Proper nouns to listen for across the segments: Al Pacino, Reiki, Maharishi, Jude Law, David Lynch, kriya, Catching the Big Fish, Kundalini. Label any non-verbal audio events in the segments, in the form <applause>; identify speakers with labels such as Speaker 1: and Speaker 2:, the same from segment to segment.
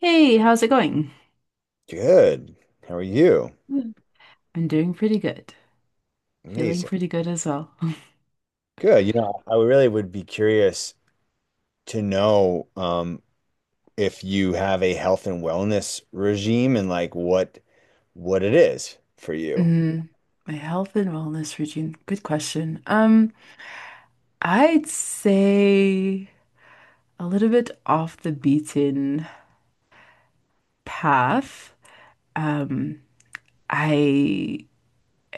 Speaker 1: Hey, how's it going?
Speaker 2: Good. How are you?
Speaker 1: Mm. I'm doing pretty good. Feeling
Speaker 2: Amazing.
Speaker 1: pretty good as well. <laughs>
Speaker 2: Good. You know, I really would be curious to know if you have a health and wellness regime and like what it is for you.
Speaker 1: Mm, my health and wellness routine. Good question. I'd say a little bit off the beaten path. Um, I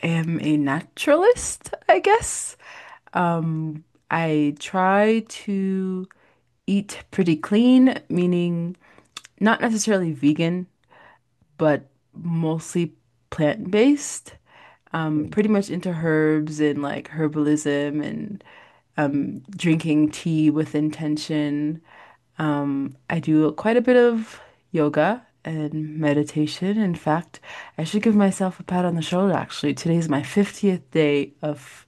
Speaker 1: am a naturalist, I guess. Um, I try to eat pretty clean, meaning not necessarily vegan, but mostly plant-based. Pretty much into herbs and like herbalism and drinking tea with intention. I do quite a bit of yoga and meditation. In fact, I should give myself a pat on the shoulder, actually. Today's my 50th day of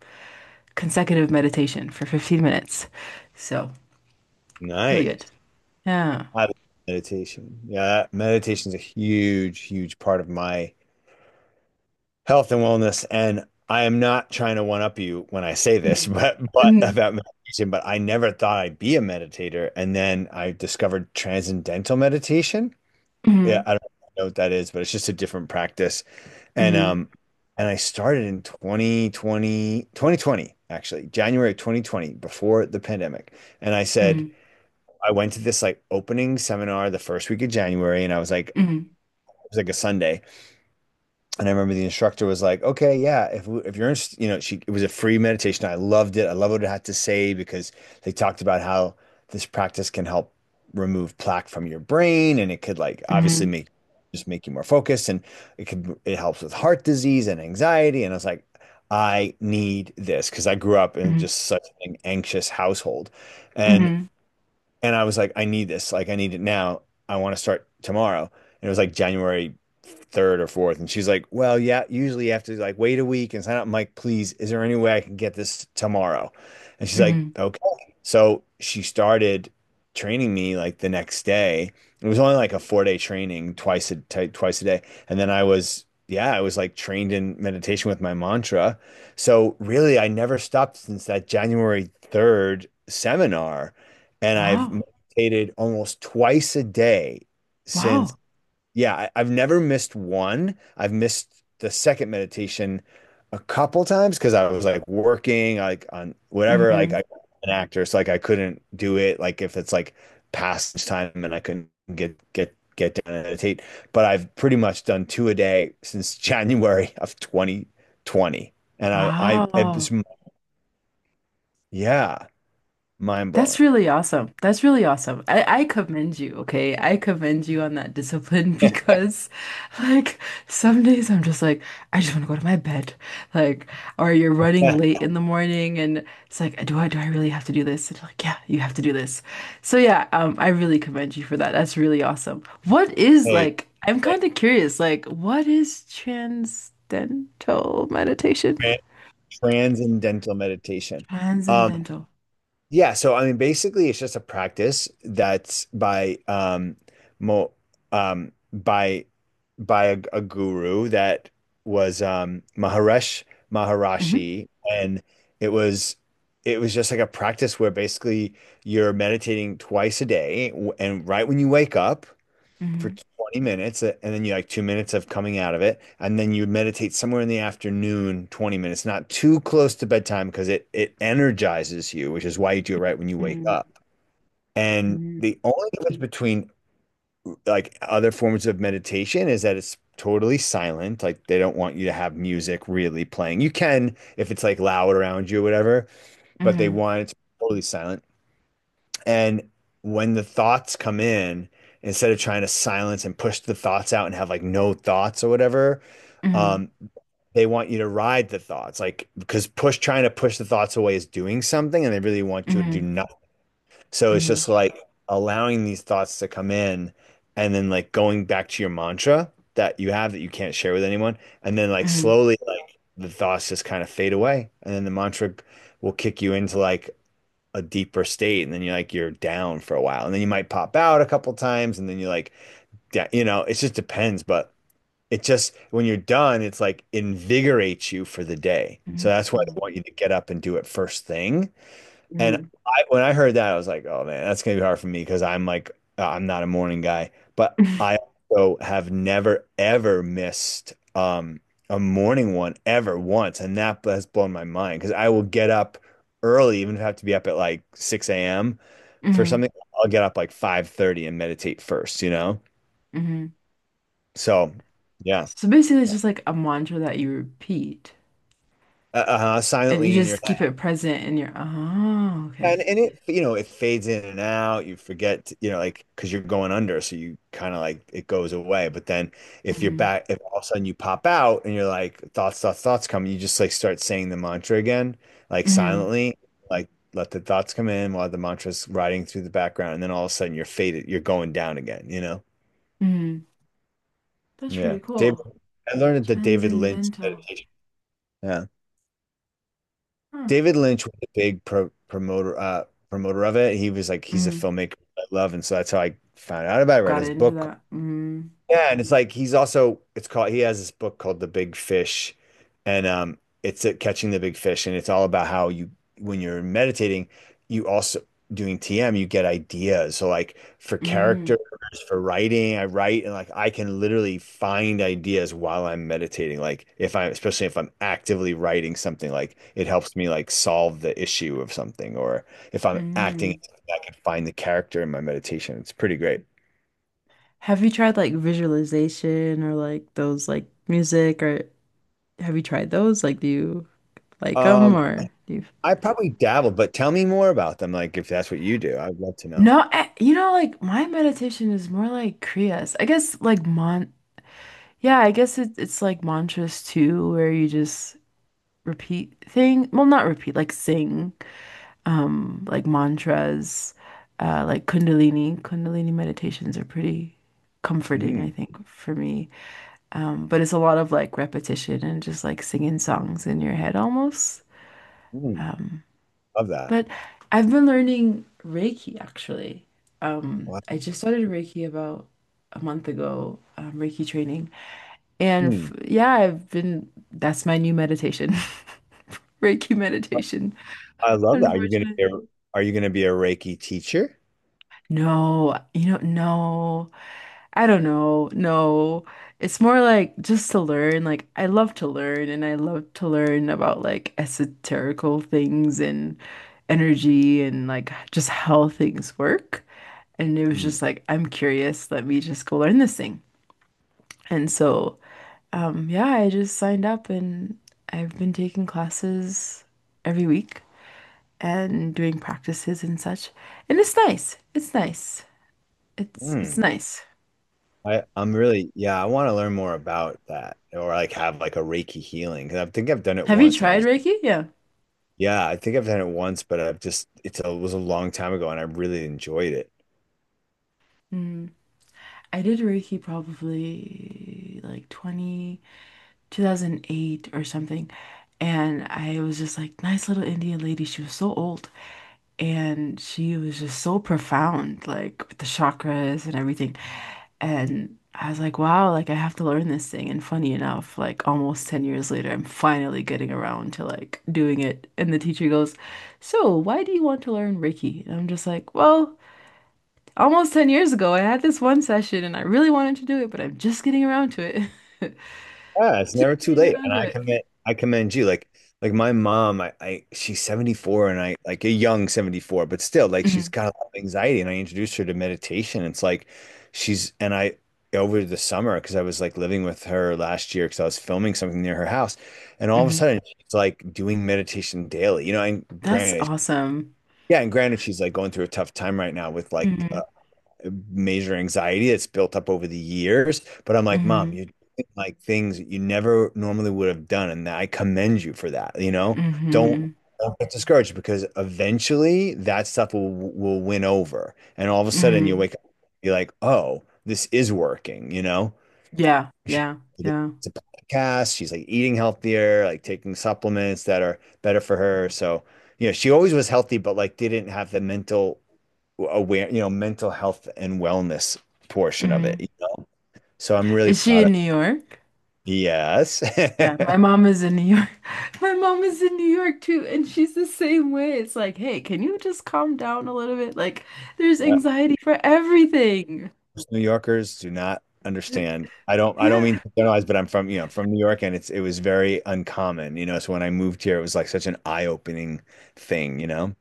Speaker 1: consecutive meditation for 15 minutes. So, really good.
Speaker 2: Nice.
Speaker 1: Yeah.
Speaker 2: I love meditation. Yeah, meditation is a huge, huge part of my health and wellness. And I am not trying to one up you when I say this, <laughs>
Speaker 1: Mhm,
Speaker 2: but
Speaker 1: mhm,
Speaker 2: about meditation, but I never thought I'd be a meditator. And then I discovered transcendental meditation. Yeah,
Speaker 1: mhm,
Speaker 2: I don't know what that is, but it's just a different practice. And
Speaker 1: mhm,
Speaker 2: um and I started in twenty twenty actually, January 2020 before the pandemic. And I said
Speaker 1: mhm,
Speaker 2: I went to this like opening seminar the first week of January, and I was like it
Speaker 1: mhm,
Speaker 2: was like a Sunday. And I remember the instructor was like, "Okay, yeah, if you're interested, you know," she, it was a free meditation. I loved it. I love what it had to say because they talked about how this practice can help remove plaque from your brain, and it could like obviously
Speaker 1: mhm.
Speaker 2: make just make you more focused, and it helps with heart disease and anxiety. And I was like, I need this because I grew up in
Speaker 1: Mhm.
Speaker 2: just such an anxious household, and
Speaker 1: Mhm.
Speaker 2: and I was like, I need this. Like, I need it now. I want to start tomorrow. And it was like January 3rd or 4th. And she's like, Well, yeah, usually you have to like wait a week and sign up. I'm like, please, is there any way I can get this tomorrow? And she's like,
Speaker 1: Mhm.
Speaker 2: Okay. So she started training me like the next day. It was only like a 4 day training twice a day. And then I was, yeah, I was like trained in meditation with my mantra. So really, I never stopped since that January 3rd seminar, and I've
Speaker 1: Wow.
Speaker 2: meditated almost twice a day since,
Speaker 1: Wow.
Speaker 2: yeah, I've never missed one. I've missed the second meditation a couple times because I was like working, like on whatever, like
Speaker 1: Mhm.
Speaker 2: I, an actor, so like I couldn't do it. Like if it's like past time and I couldn't get down and meditate, but I've pretty much done two a day since <laughs> January of 2020, and I
Speaker 1: Wow.
Speaker 2: it's, yeah, mind
Speaker 1: That's
Speaker 2: blowing.
Speaker 1: really awesome. That's really awesome. I commend you, okay? I commend you on that discipline <laughs> because, like, some days I'm just like, I just want to go to my bed. Like, or you're running late
Speaker 2: <laughs>
Speaker 1: in the morning and it's like, do I really have to do this? And you're like, yeah, you have to do this. So yeah, I really commend you for that. That's really awesome. What is
Speaker 2: Hey,
Speaker 1: like, I'm kind of curious, like, what is transcendental meditation?
Speaker 2: transcendental meditation. Um,
Speaker 1: Transcendental.
Speaker 2: yeah, so I mean, basically, it's just a practice that's by mo by a guru that was um,
Speaker 1: Hmm.
Speaker 2: Maharishi, and it was it was just like a practice where basically you're meditating twice a day, and right when you wake up, for
Speaker 1: Hmm.
Speaker 2: 20 minutes and then you like 2 minutes of coming out of it, and then you meditate somewhere in the afternoon 20 minutes, not too close to bedtime because it energizes you, which is why you do it right when you wake
Speaker 1: Mm,
Speaker 2: up. And
Speaker 1: Mhm.
Speaker 2: the only difference between like other forms of meditation is that it's totally silent. Like, they don't want you to have music really playing. You can if it's like loud around you or whatever, but they
Speaker 1: Mhm.
Speaker 2: want it to be totally silent. And when the thoughts come in, instead of trying to silence and push the thoughts out and have like no thoughts or whatever,
Speaker 1: Mhm,
Speaker 2: um, they want you to ride the thoughts. Like, because push trying to push the thoughts away is doing something, and they really want you to do
Speaker 1: mhm,
Speaker 2: nothing. So it's
Speaker 1: mhm,
Speaker 2: just like allowing these thoughts to come in, and then like going back to your mantra that you have that you can't share with anyone. And then like
Speaker 1: mhm,
Speaker 2: slowly, like the thoughts just kind of fade away. And then the mantra will kick you into like a deeper state, and then you're like you're down for a while, and then you might pop out a couple times and then you're like, yeah, you know, it just depends. But it just when you're done it's like invigorates you for the day, so
Speaker 1: mhm,
Speaker 2: that's why they
Speaker 1: mhm,
Speaker 2: want you to get up and do it first thing. And
Speaker 1: mhm,
Speaker 2: I, when I heard that, I was like, oh man, that's gonna be hard for me because I'm like, I'm not a morning guy. But
Speaker 1: <laughs>
Speaker 2: I also have never ever missed a morning one ever once, and that has blown my mind because I will get up early, even if I have to be up at like 6 a.m. for
Speaker 1: mhm.
Speaker 2: something. I'll get up like 5:30 and meditate first, you know?
Speaker 1: Mhm.
Speaker 2: So, yeah,
Speaker 1: So basically, it's just like a mantra that you repeat
Speaker 2: uh,
Speaker 1: and you
Speaker 2: silently in your.
Speaker 1: just keep it present in your, oh, okay.
Speaker 2: And it, you know, it fades in and out. You forget, you know, like, because you're going under. So you kind of like it goes away. But then if you're
Speaker 1: Hmm.
Speaker 2: back, if all of a sudden you pop out and you're like, thoughts, thoughts, thoughts come, you just like start saying the mantra again, like
Speaker 1: Hmm.
Speaker 2: silently, like let the thoughts come in while the mantra's riding through the background. And then all of a sudden you're faded, you're going down again, you know?
Speaker 1: Hmm. That's pretty
Speaker 2: Yeah. David,
Speaker 1: cool.
Speaker 2: I learned the David Lynch
Speaker 1: Transcendental.
Speaker 2: meditation. Yeah.
Speaker 1: Huh.
Speaker 2: David Lynch was a big promoter promoter of it. He was like, he's a
Speaker 1: Mm.
Speaker 2: filmmaker I love, and so that's how I found out about it. I read
Speaker 1: Got
Speaker 2: his
Speaker 1: into
Speaker 2: book,
Speaker 1: that. Mm.
Speaker 2: yeah, and it's like he's also it's called he has this book called The Big Fish, and it's at Catching the Big Fish, and it's all about how you when you're meditating, you also doing TM, you get ideas. So like for
Speaker 1: Hmm.
Speaker 2: characters, for writing, I write, and like I can literally find ideas while I'm meditating. Like if I'm especially if I'm actively writing something, like it helps me like solve the issue of something, or if I'm acting,
Speaker 1: Hmm.
Speaker 2: I can find the character in my meditation. It's pretty great.
Speaker 1: Have you tried like visualization or like those like music or have you tried those? Like, do you like them
Speaker 2: Um,
Speaker 1: or do you?
Speaker 2: I probably dabble, but tell me more about them. Like, if that's what you do, I'd love to know.
Speaker 1: No, I, like my meditation is more like kriyas. I guess like mon yeah, I guess it's like mantras too, where you just repeat thing. Well, not repeat, like sing, like mantras, like Kundalini. Kundalini meditations are pretty comforting, I
Speaker 2: Mm,
Speaker 1: think, for me. But it's a lot of like repetition and just like singing songs in your head almost.
Speaker 2: mm,
Speaker 1: Um,
Speaker 2: love that.
Speaker 1: But I've been learning Reiki actually.
Speaker 2: Wow.
Speaker 1: I just started Reiki about a month ago, Reiki training. And f
Speaker 2: Mm,
Speaker 1: yeah, that's my new meditation, <laughs> Reiki meditation,
Speaker 2: I love that. Are you gonna be
Speaker 1: unfortunately.
Speaker 2: a, are you gonna be a Reiki teacher?
Speaker 1: No, no, I don't know. No, it's more like just to learn. Like, I love to learn and I love to learn about like esoterical things and energy and like just how things work. And it was
Speaker 2: Mm,
Speaker 1: just like, I'm curious, let me just go learn this thing. And so, yeah, I just signed up and I've been taking classes every week and doing practices and such. And it's nice. It's nice. It's
Speaker 2: mm.
Speaker 1: nice.
Speaker 2: I'm really, yeah, I want to learn more about that or like have like a Reiki healing. Because I think I've done it
Speaker 1: Have you
Speaker 2: once and I
Speaker 1: tried
Speaker 2: just,
Speaker 1: Reiki? Yeah.
Speaker 2: yeah, I think I've done it once, but I've just, it's a, it was a long time ago and I really enjoyed it.
Speaker 1: Mm. I did Reiki probably like 20 2008 or something. And I was just like, nice little Indian lady. She was so old. And she was just so profound, like with the chakras and everything. And I was like, wow, like I have to learn this thing. And funny enough, like almost 10 years later, I'm finally getting around to like doing it. And the teacher goes, so, why do you want to learn Reiki? And I'm just like, well, almost 10 years ago, I had this one session and I really wanted to do it, but I'm just getting around to it. <laughs>
Speaker 2: Yeah, it's never
Speaker 1: Just
Speaker 2: too
Speaker 1: getting
Speaker 2: late.
Speaker 1: around
Speaker 2: And
Speaker 1: to it.
Speaker 2: I commend you. Like my mom, I she's 74, and I like a young 74, but still like she's
Speaker 1: Hmm.
Speaker 2: got a lot of anxiety, and I introduced her to meditation. It's like she's and I over the summer because I was like living with her last year because I was filming something near her house, and all of a
Speaker 1: Hmm.
Speaker 2: sudden she's like doing meditation daily. You know, and
Speaker 1: That's
Speaker 2: granted,
Speaker 1: awesome.
Speaker 2: yeah, and granted she's like going through a tough time right now with like
Speaker 1: Hmm.
Speaker 2: major anxiety that's built up over the years. But I'm like, Mom,
Speaker 1: Hmm.
Speaker 2: you like things that you never normally would have done, and I commend you for that. You know, don't
Speaker 1: Hmm.
Speaker 2: don't get discouraged because eventually that stuff will win over, and all of a sudden you
Speaker 1: Hmm.
Speaker 2: wake up, you're like, oh, this is working. You know,
Speaker 1: Yeah,
Speaker 2: She-
Speaker 1: yeah, yeah.
Speaker 2: it's a podcast. She's like eating healthier, like taking supplements that are better for her. So you know, she always was healthy, but like didn't have the you know, mental health and wellness portion of it,
Speaker 1: Hmm.
Speaker 2: you know? So I'm really
Speaker 1: Is she
Speaker 2: proud of.
Speaker 1: in New York?
Speaker 2: Yes.
Speaker 1: Yeah, my
Speaker 2: <laughs>
Speaker 1: mom is in New York. <laughs> My mom is in New York too, and she's the same way. It's like, hey, can you just calm down a little bit? Like, there's
Speaker 2: Yeah.
Speaker 1: anxiety for everything.
Speaker 2: Most New Yorkers do not understand.
Speaker 1: <laughs>
Speaker 2: I don't
Speaker 1: Yeah.
Speaker 2: mean to generalize, but I'm from, you know, from New York, and it's it was very uncommon, you know. So when I moved here, it was like such an eye-opening thing, you know,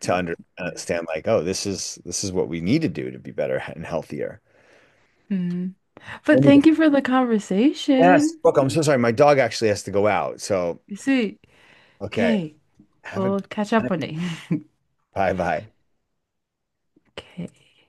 Speaker 2: to understand like, oh, this is what we need to do to be better and healthier.
Speaker 1: Mhm.
Speaker 2: Let
Speaker 1: But
Speaker 2: me go-.
Speaker 1: thank you for the
Speaker 2: Yes.
Speaker 1: conversation.
Speaker 2: Look, I'm so sorry. My dog actually has to go out. So,
Speaker 1: You see,
Speaker 2: okay.
Speaker 1: okay,
Speaker 2: Have a
Speaker 1: we'll catch up one day. <laughs>
Speaker 2: bye bye.
Speaker 1: Okay.